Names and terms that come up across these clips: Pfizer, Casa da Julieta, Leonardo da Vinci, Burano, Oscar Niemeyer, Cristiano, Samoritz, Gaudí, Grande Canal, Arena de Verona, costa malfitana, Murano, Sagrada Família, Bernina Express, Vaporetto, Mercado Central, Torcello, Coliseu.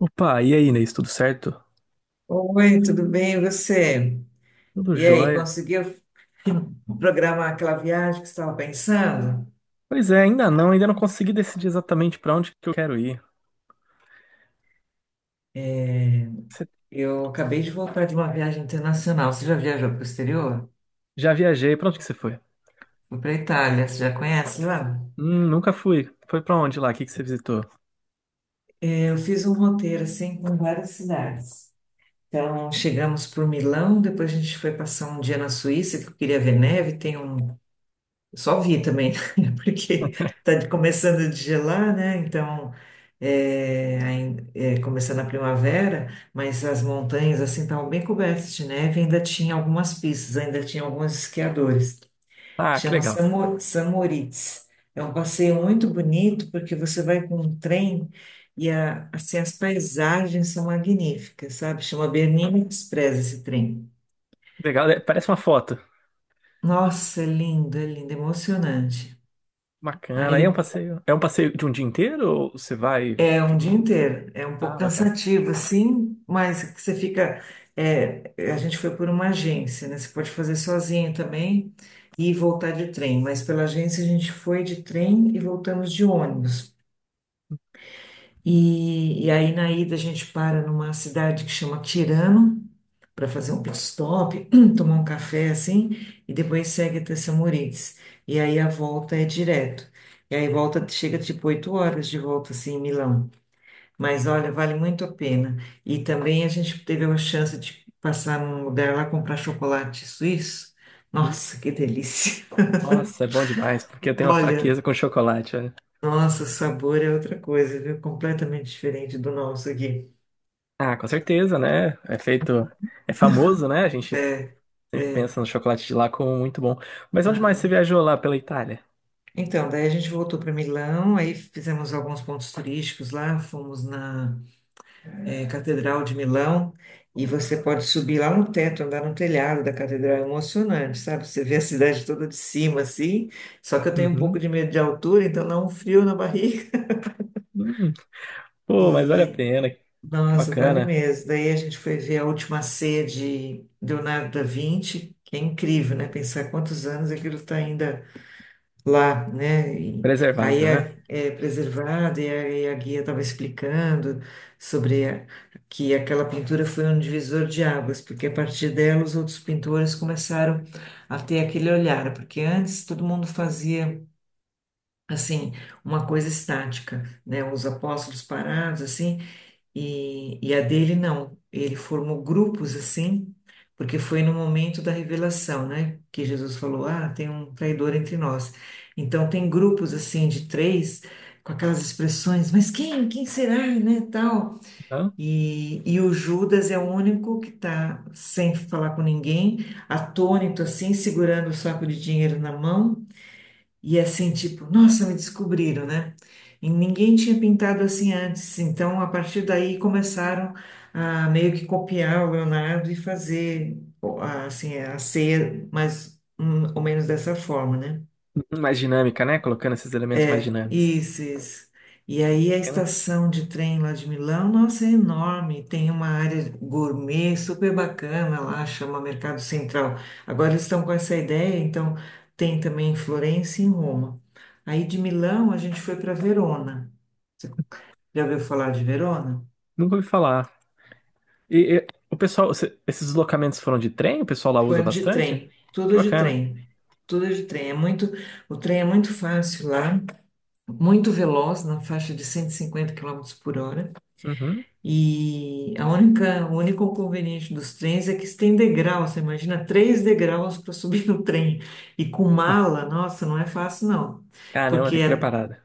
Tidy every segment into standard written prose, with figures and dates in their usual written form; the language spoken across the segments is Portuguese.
Opa, e aí, Inês, tudo certo? Oi, tudo bem? E você? Tudo E aí, jóia? conseguiu programar aquela viagem que você estava pensando? Pois é, ainda não consegui decidir exatamente pra onde que eu quero ir. É, Você eu acabei de voltar de uma viagem internacional. Você já viajou para o exterior? já viajei, pra onde que você foi? Fui para a Itália, você já conhece lá? Nunca fui. Foi pra onde lá? O que que você visitou? É, eu fiz um roteiro assim com várias cidades. Então, chegamos por Milão, depois a gente foi passar um dia na Suíça, que eu queria ver neve. Tem um Eu só vi também, né? Porque está começando de gelar, né? Então, começando a primavera, mas as montanhas assim estavam bem cobertas de neve, ainda tinha algumas pistas, ainda tinha alguns esquiadores. Ah, que Chama legal. Samoritz. É um passeio muito bonito porque você vai com um trem e assim, as paisagens são magníficas, sabe? Chama Bernina Express esse trem. Legal, né? Parece uma foto. Nossa, é lindo, é lindo, é emocionante. Bacana. Aí é um Aí passeio. É um passeio de um dia inteiro ou você vai e É um fica. dia inteiro, é um pouco Ah, bacana. cansativo, assim, mas que você fica. É, a gente foi por uma agência, né? Você pode fazer sozinho também e voltar de trem, mas pela agência a gente foi de trem e voltamos de ônibus. E aí na ida a gente para numa cidade que chama Tirano para fazer um pit stop, tomar um café assim, e depois segue até Samorins. E aí a volta é direto. E aí volta, chega tipo 8 horas de volta assim em Milão. Mas olha, vale muito a pena. E também a gente teve uma chance de passar num lugar lá comprar chocolate suíço. Nossa, que delícia! Nossa, é bom demais, porque eu tenho uma Olha, fraqueza com chocolate, olha. nossa, o sabor é outra coisa, viu? Completamente diferente do nosso aqui. Ah, com certeza, né? É feito. É famoso, né? A gente sempre É. pensa no chocolate de lá como muito bom. Mas onde mais você viajou lá pela Itália? Então, daí a gente voltou para Milão, aí fizemos alguns pontos turísticos lá, fomos na Catedral de Milão, e você pode subir lá no teto, andar no telhado da catedral, é emocionante, sabe? Você vê a cidade toda de cima, assim, só que eu tenho um pouco Uhum. de medo de altura, então dá um frio na barriga, Hum. Pô, mas vale a e pena. Que nossa, vale bacana. mesmo. Daí a gente foi ver a última ceia de Leonardo da Vinci, que é incrível, né? Pensar quantos anos aquilo está ainda lá, né? E aí Preservado, né? é preservado e a guia estava explicando sobre a- que aquela pintura foi um divisor de águas, porque a partir dela os outros pintores começaram a ter aquele olhar, porque antes todo mundo fazia assim uma coisa estática, né? Os apóstolos parados assim e, a dele não, ele formou grupos assim, porque foi no momento da revelação, né? Que Jesus falou: Ah, tem um traidor entre nós. Então, tem grupos assim de três, com aquelas expressões: Mas quem? Quem será? Né? Tal. Então, E o Judas é o único que está sem falar com ninguém, atônito assim, segurando o saco de dinheiro na mão. E assim, tipo, nossa, me descobriram, né? E ninguém tinha pintado assim antes. Então, a partir daí, começaram a meio que copiar o Leonardo e fazer, ó, assim, a ceia mais ou menos dessa forma, né? uhum, mais dinâmica, né? Colocando esses elementos mais dinâmicos. Isso, isso. E aí a Bacana. estação de trem lá de Milão, nossa, é enorme. Tem uma área gourmet super bacana lá, chama Mercado Central. Agora eles estão com essa ideia, então tem também em Florença e em Roma. Aí de Milão a gente foi para Verona. Você já ouviu falar de Verona? Nunca ouvi falar. E, o pessoal, esses deslocamentos foram de trem? O pessoal lá usa Foi de bastante? trem, Que tudo de bacana. trem. Tudo de trem. É muito, o trem é muito fácil lá, muito veloz, na faixa de 150 km por hora. Uhum. E a única, o único inconveniente dos trens é que eles têm degrau. Você imagina três degraus para subir no trem. E com Hum. mala, nossa, não é fácil, não. Caramba, Porque tem que é, preparada.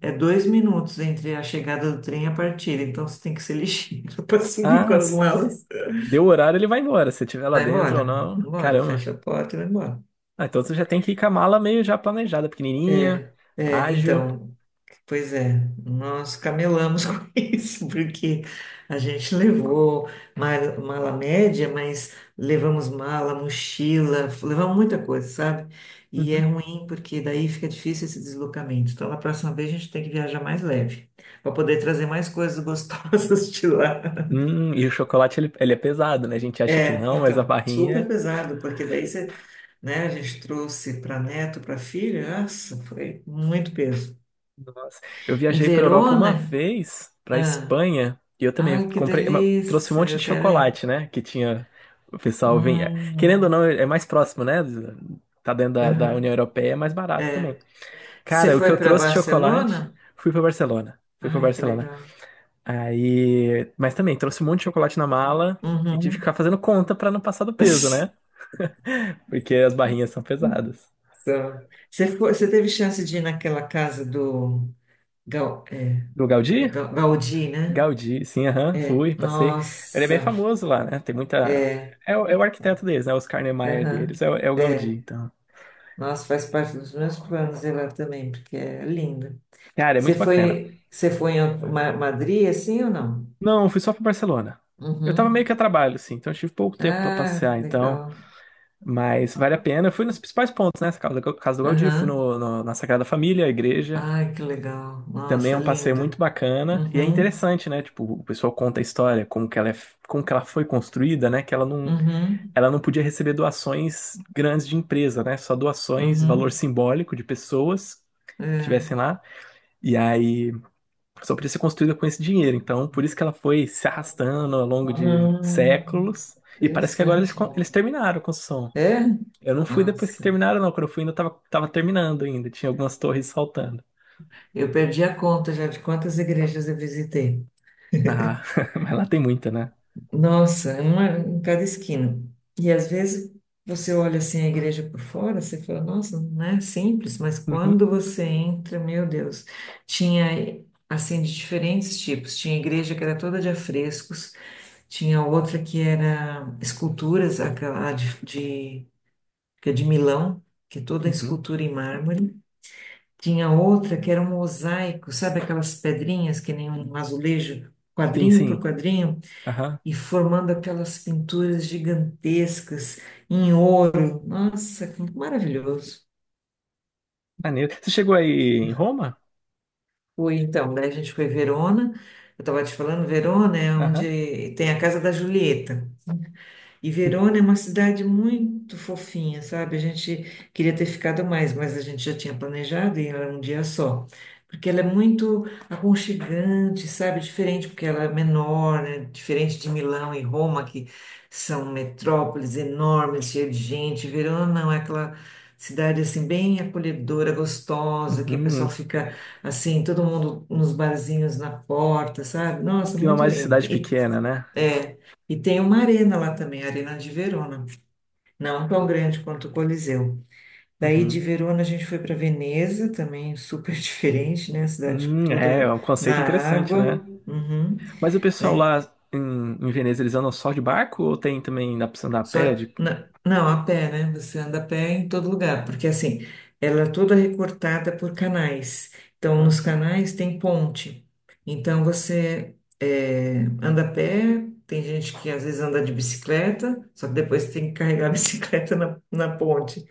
é 2 minutos entre a chegada do trem e a partida. Então você tem que ser ligeiro para subir com Ah, as s- malas. Deu o horário, ele vai embora. Se tiver lá Vai dentro embora, ou vai não. embora, Caramba. fecha a porta e vai embora. Ah, então você já tem que ir com a mala meio já planejada, pequenininha, É, é, ágil. então. Pois é, nós camelamos com isso, porque a gente levou mala média, mas levamos mala, mochila, levamos muita coisa, sabe? E é Uhum. ruim porque daí fica difícil esse deslocamento. Então, na próxima vez a gente tem que viajar mais leve, para poder trazer mais coisas gostosas de lá. E o chocolate, ele é pesado, né? A gente acha que É, não, mas a então, super barrinha. pesado, porque daí você, né, a gente trouxe para neto, para filha, nossa, foi muito peso. Nossa, eu Em viajei para Europa uma Verona, vez, para Espanha, e eu também ai, que comprei, trouxe um delícia! monte de Eu quero ir. chocolate, né? Que tinha o pessoal vinha. Querendo ou Hum, não, é mais próximo, né? Tá dentro da União aham. Europeia, é mais barato também. Você Cara, o que eu foi para trouxe de chocolate, Barcelona? fui para Barcelona. Fui para Ai, que Barcelona. legal. Aí, mas também trouxe um monte de chocolate na mala e tive que ficar Uhum. fazendo conta para não passar do peso, né? Porque as barrinhas são pesadas. Só. Você foi, você teve chance de ir naquela casa do Gal, é, Do é Gaudí? Ga- Gaudí, né? Gaudí, sim, aham, É. fui, passei. Ele é bem Nossa. famoso lá, né? Tem muita. É. É, o é o arquiteto deles, né? Oscar Niemeyer Aham. deles, é, o é o Gaudí, É. então. Nossa, faz parte dos meus planos ir lá também, porque é lindo. Cara, é Você muito bacana. foi, você foi em Madrid, assim ou não? Não, fui só pra Barcelona. Eu tava meio Uhum. que a trabalho, assim, então eu tive pouco tempo pra Ah, passear, então. legal. Mas vale a pena. Eu fui nos principais pontos, né? Casa do Gaudí, fui Aham. Na Sagrada Família, a igreja. Ai, que legal. Também é Nossa, um passeio muito linda. bacana. E é Uhum, interessante, né? Tipo, o pessoal conta a história, como que ela, é, como que ela foi construída, né? Que uhum, ela não podia receber doações grandes de empresa, né? Só doações, valor uhum. simbólico de pessoas que É. estivessem lá. E aí só podia ser construída com esse dinheiro. Então, por isso que ela foi se arrastando ao longo de Hum, séculos. E parece que agora eles, interessante. Eles terminaram a construção. É? Eu não fui depois que Nossa. terminaram, não. Quando eu fui, tava terminando ainda. Tinha algumas torres faltando. Eu perdi a conta já de quantas igrejas eu visitei. Ah, mas lá tem muita, né? Nossa, é uma em cada esquina. E às vezes você olha assim a igreja por fora, você fala, nossa, não é simples, mas quando Uhum, você entra, meu Deus, tinha assim de diferentes tipos. Tinha igreja que era toda de afrescos. Tinha outra que era esculturas, aquela de, que é de Milão, que é toda uhum. escultura em mármore. Tinha outra que era um mosaico, sabe aquelas pedrinhas que nem um azulejo, Sim, quadrinho por sim. quadrinho, Aham. e formando aquelas pinturas gigantescas em ouro. Nossa, que maravilhoso. Maneiro. Você chegou aí em Roma? Fui então, daí a gente foi em Verona. Eu estava te falando, Verona é Aham. onde tem a Casa da Julieta. E Uhum. Verona é uma cidade muito fofinha, sabe? A gente queria ter ficado mais, mas a gente já tinha planejado e era um dia só. Porque ela é muito aconchegante, sabe? Diferente, porque ela é menor, né? Diferente de Milão e Roma, que são metrópoles enormes, cheias de gente. Verona não, é aquela cidade assim bem acolhedora, gostosa, que o Uhum. pessoal fica assim, todo mundo nos barzinhos na porta, sabe? Nossa, Clima muito mais de lindo. cidade pequena, né? é, e tem uma arena lá também, a Arena de Verona, não tão grande quanto o Coliseu. Daí de Uhum. Verona a gente foi para Veneza, também super diferente, né? A cidade É, toda é um na conceito interessante, água, né? uhum, Mas o pessoal né? lá em, em Veneza, eles andam só de barco ou tem também dá pra você andar a Só, pé? De- não, a pé, né? Você anda a pé em todo lugar, porque assim, ela é toda recortada por canais. Então, Ah, nos canais tem ponte. Então, você anda a pé, tem gente que às vezes anda de bicicleta, só que depois tem que carregar a bicicleta na ponte.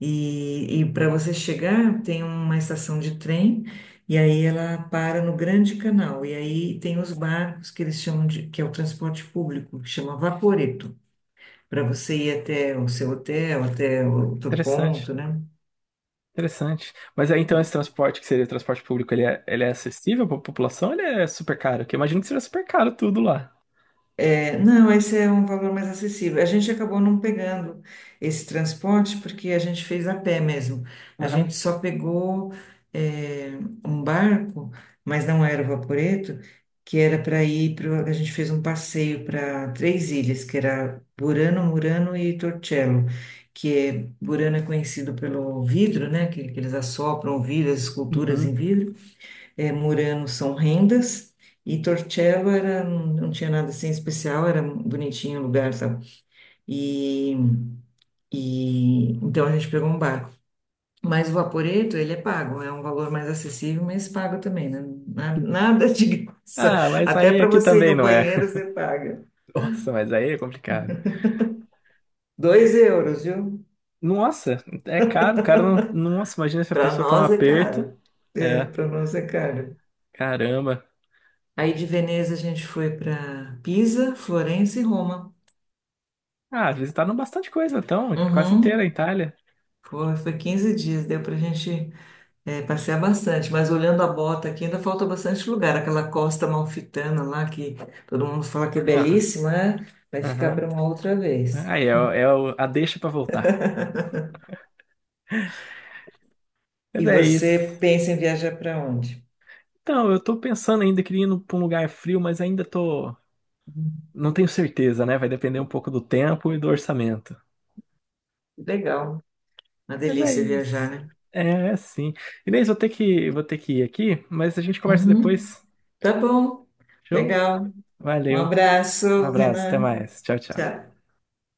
E para você chegar, tem uma estação de trem, e aí ela para no Grande Canal. E aí tem os barcos que eles chamam de, que é o transporte público, que chama Vaporetto para você ir até o seu hotel, até o outro ponto, interessante, né? interessante. Mas aí então esse transporte, que seria o transporte público, ele é acessível pra população ou ele é super caro? Porque eu imagino que seja super caro tudo lá. É, não, esse é um valor mais acessível. A gente acabou não pegando esse transporte porque a gente fez a pé mesmo. A Aham. gente só pegou é, um barco, mas não era o Vaporetto, que era para ir para. A gente fez um passeio para três ilhas, que era Burano, Murano e Torcello. Que é, Burano é conhecido pelo vidro, né? Que eles assopram vidro, as esculturas Uhum. em vidro. Murano são rendas e Torcello era, não tinha nada assim especial, era bonitinho o lugar, sabe? E, e então a gente pegou um barco. Mas o Vaporetto, ele é pago, é um valor mais acessível, mas pago também, né? Nada de graça. Ah, mas Até aí para aqui você ir também no não é. banheiro, você paga. Nossa, mas aí é complicado. 2 euros, viu? Nossa, é caro, cara. Nossa, imagina se a Para pessoa tá no nós é aperto. caro. É, É, para nós é caro. caramba. Aí de Veneza a gente foi para Pisa, Florença e Roma. Ah, visitaram bastante coisa, então, quase inteira a Uhum. Itália. Foi 15 dias, deu para a gente passear bastante, mas olhando a bota aqui, ainda falta bastante lugar. Aquela costa malfitana lá, que todo mundo fala que é Ah, belíssima, né? Vai ficar aham. para uma outra vez. Aí é, o- é o- A deixa pra voltar. Mas E é isso. você pensa em viajar para onde? Então, eu tô pensando ainda, queria ir pra um lugar frio, mas ainda tô. Hum. Não tenho certeza, né? Vai depender um pouco do tempo e do orçamento. Legal, uma Mas é delícia viajar, isso. né? É, é sim. Inês, vou ter que ir aqui, mas a gente conversa Uhum. depois. Tá bom, Show? legal. Um Valeu. Um abraço, abraço, até Renan. mais. Tchau, tchau. Tchau.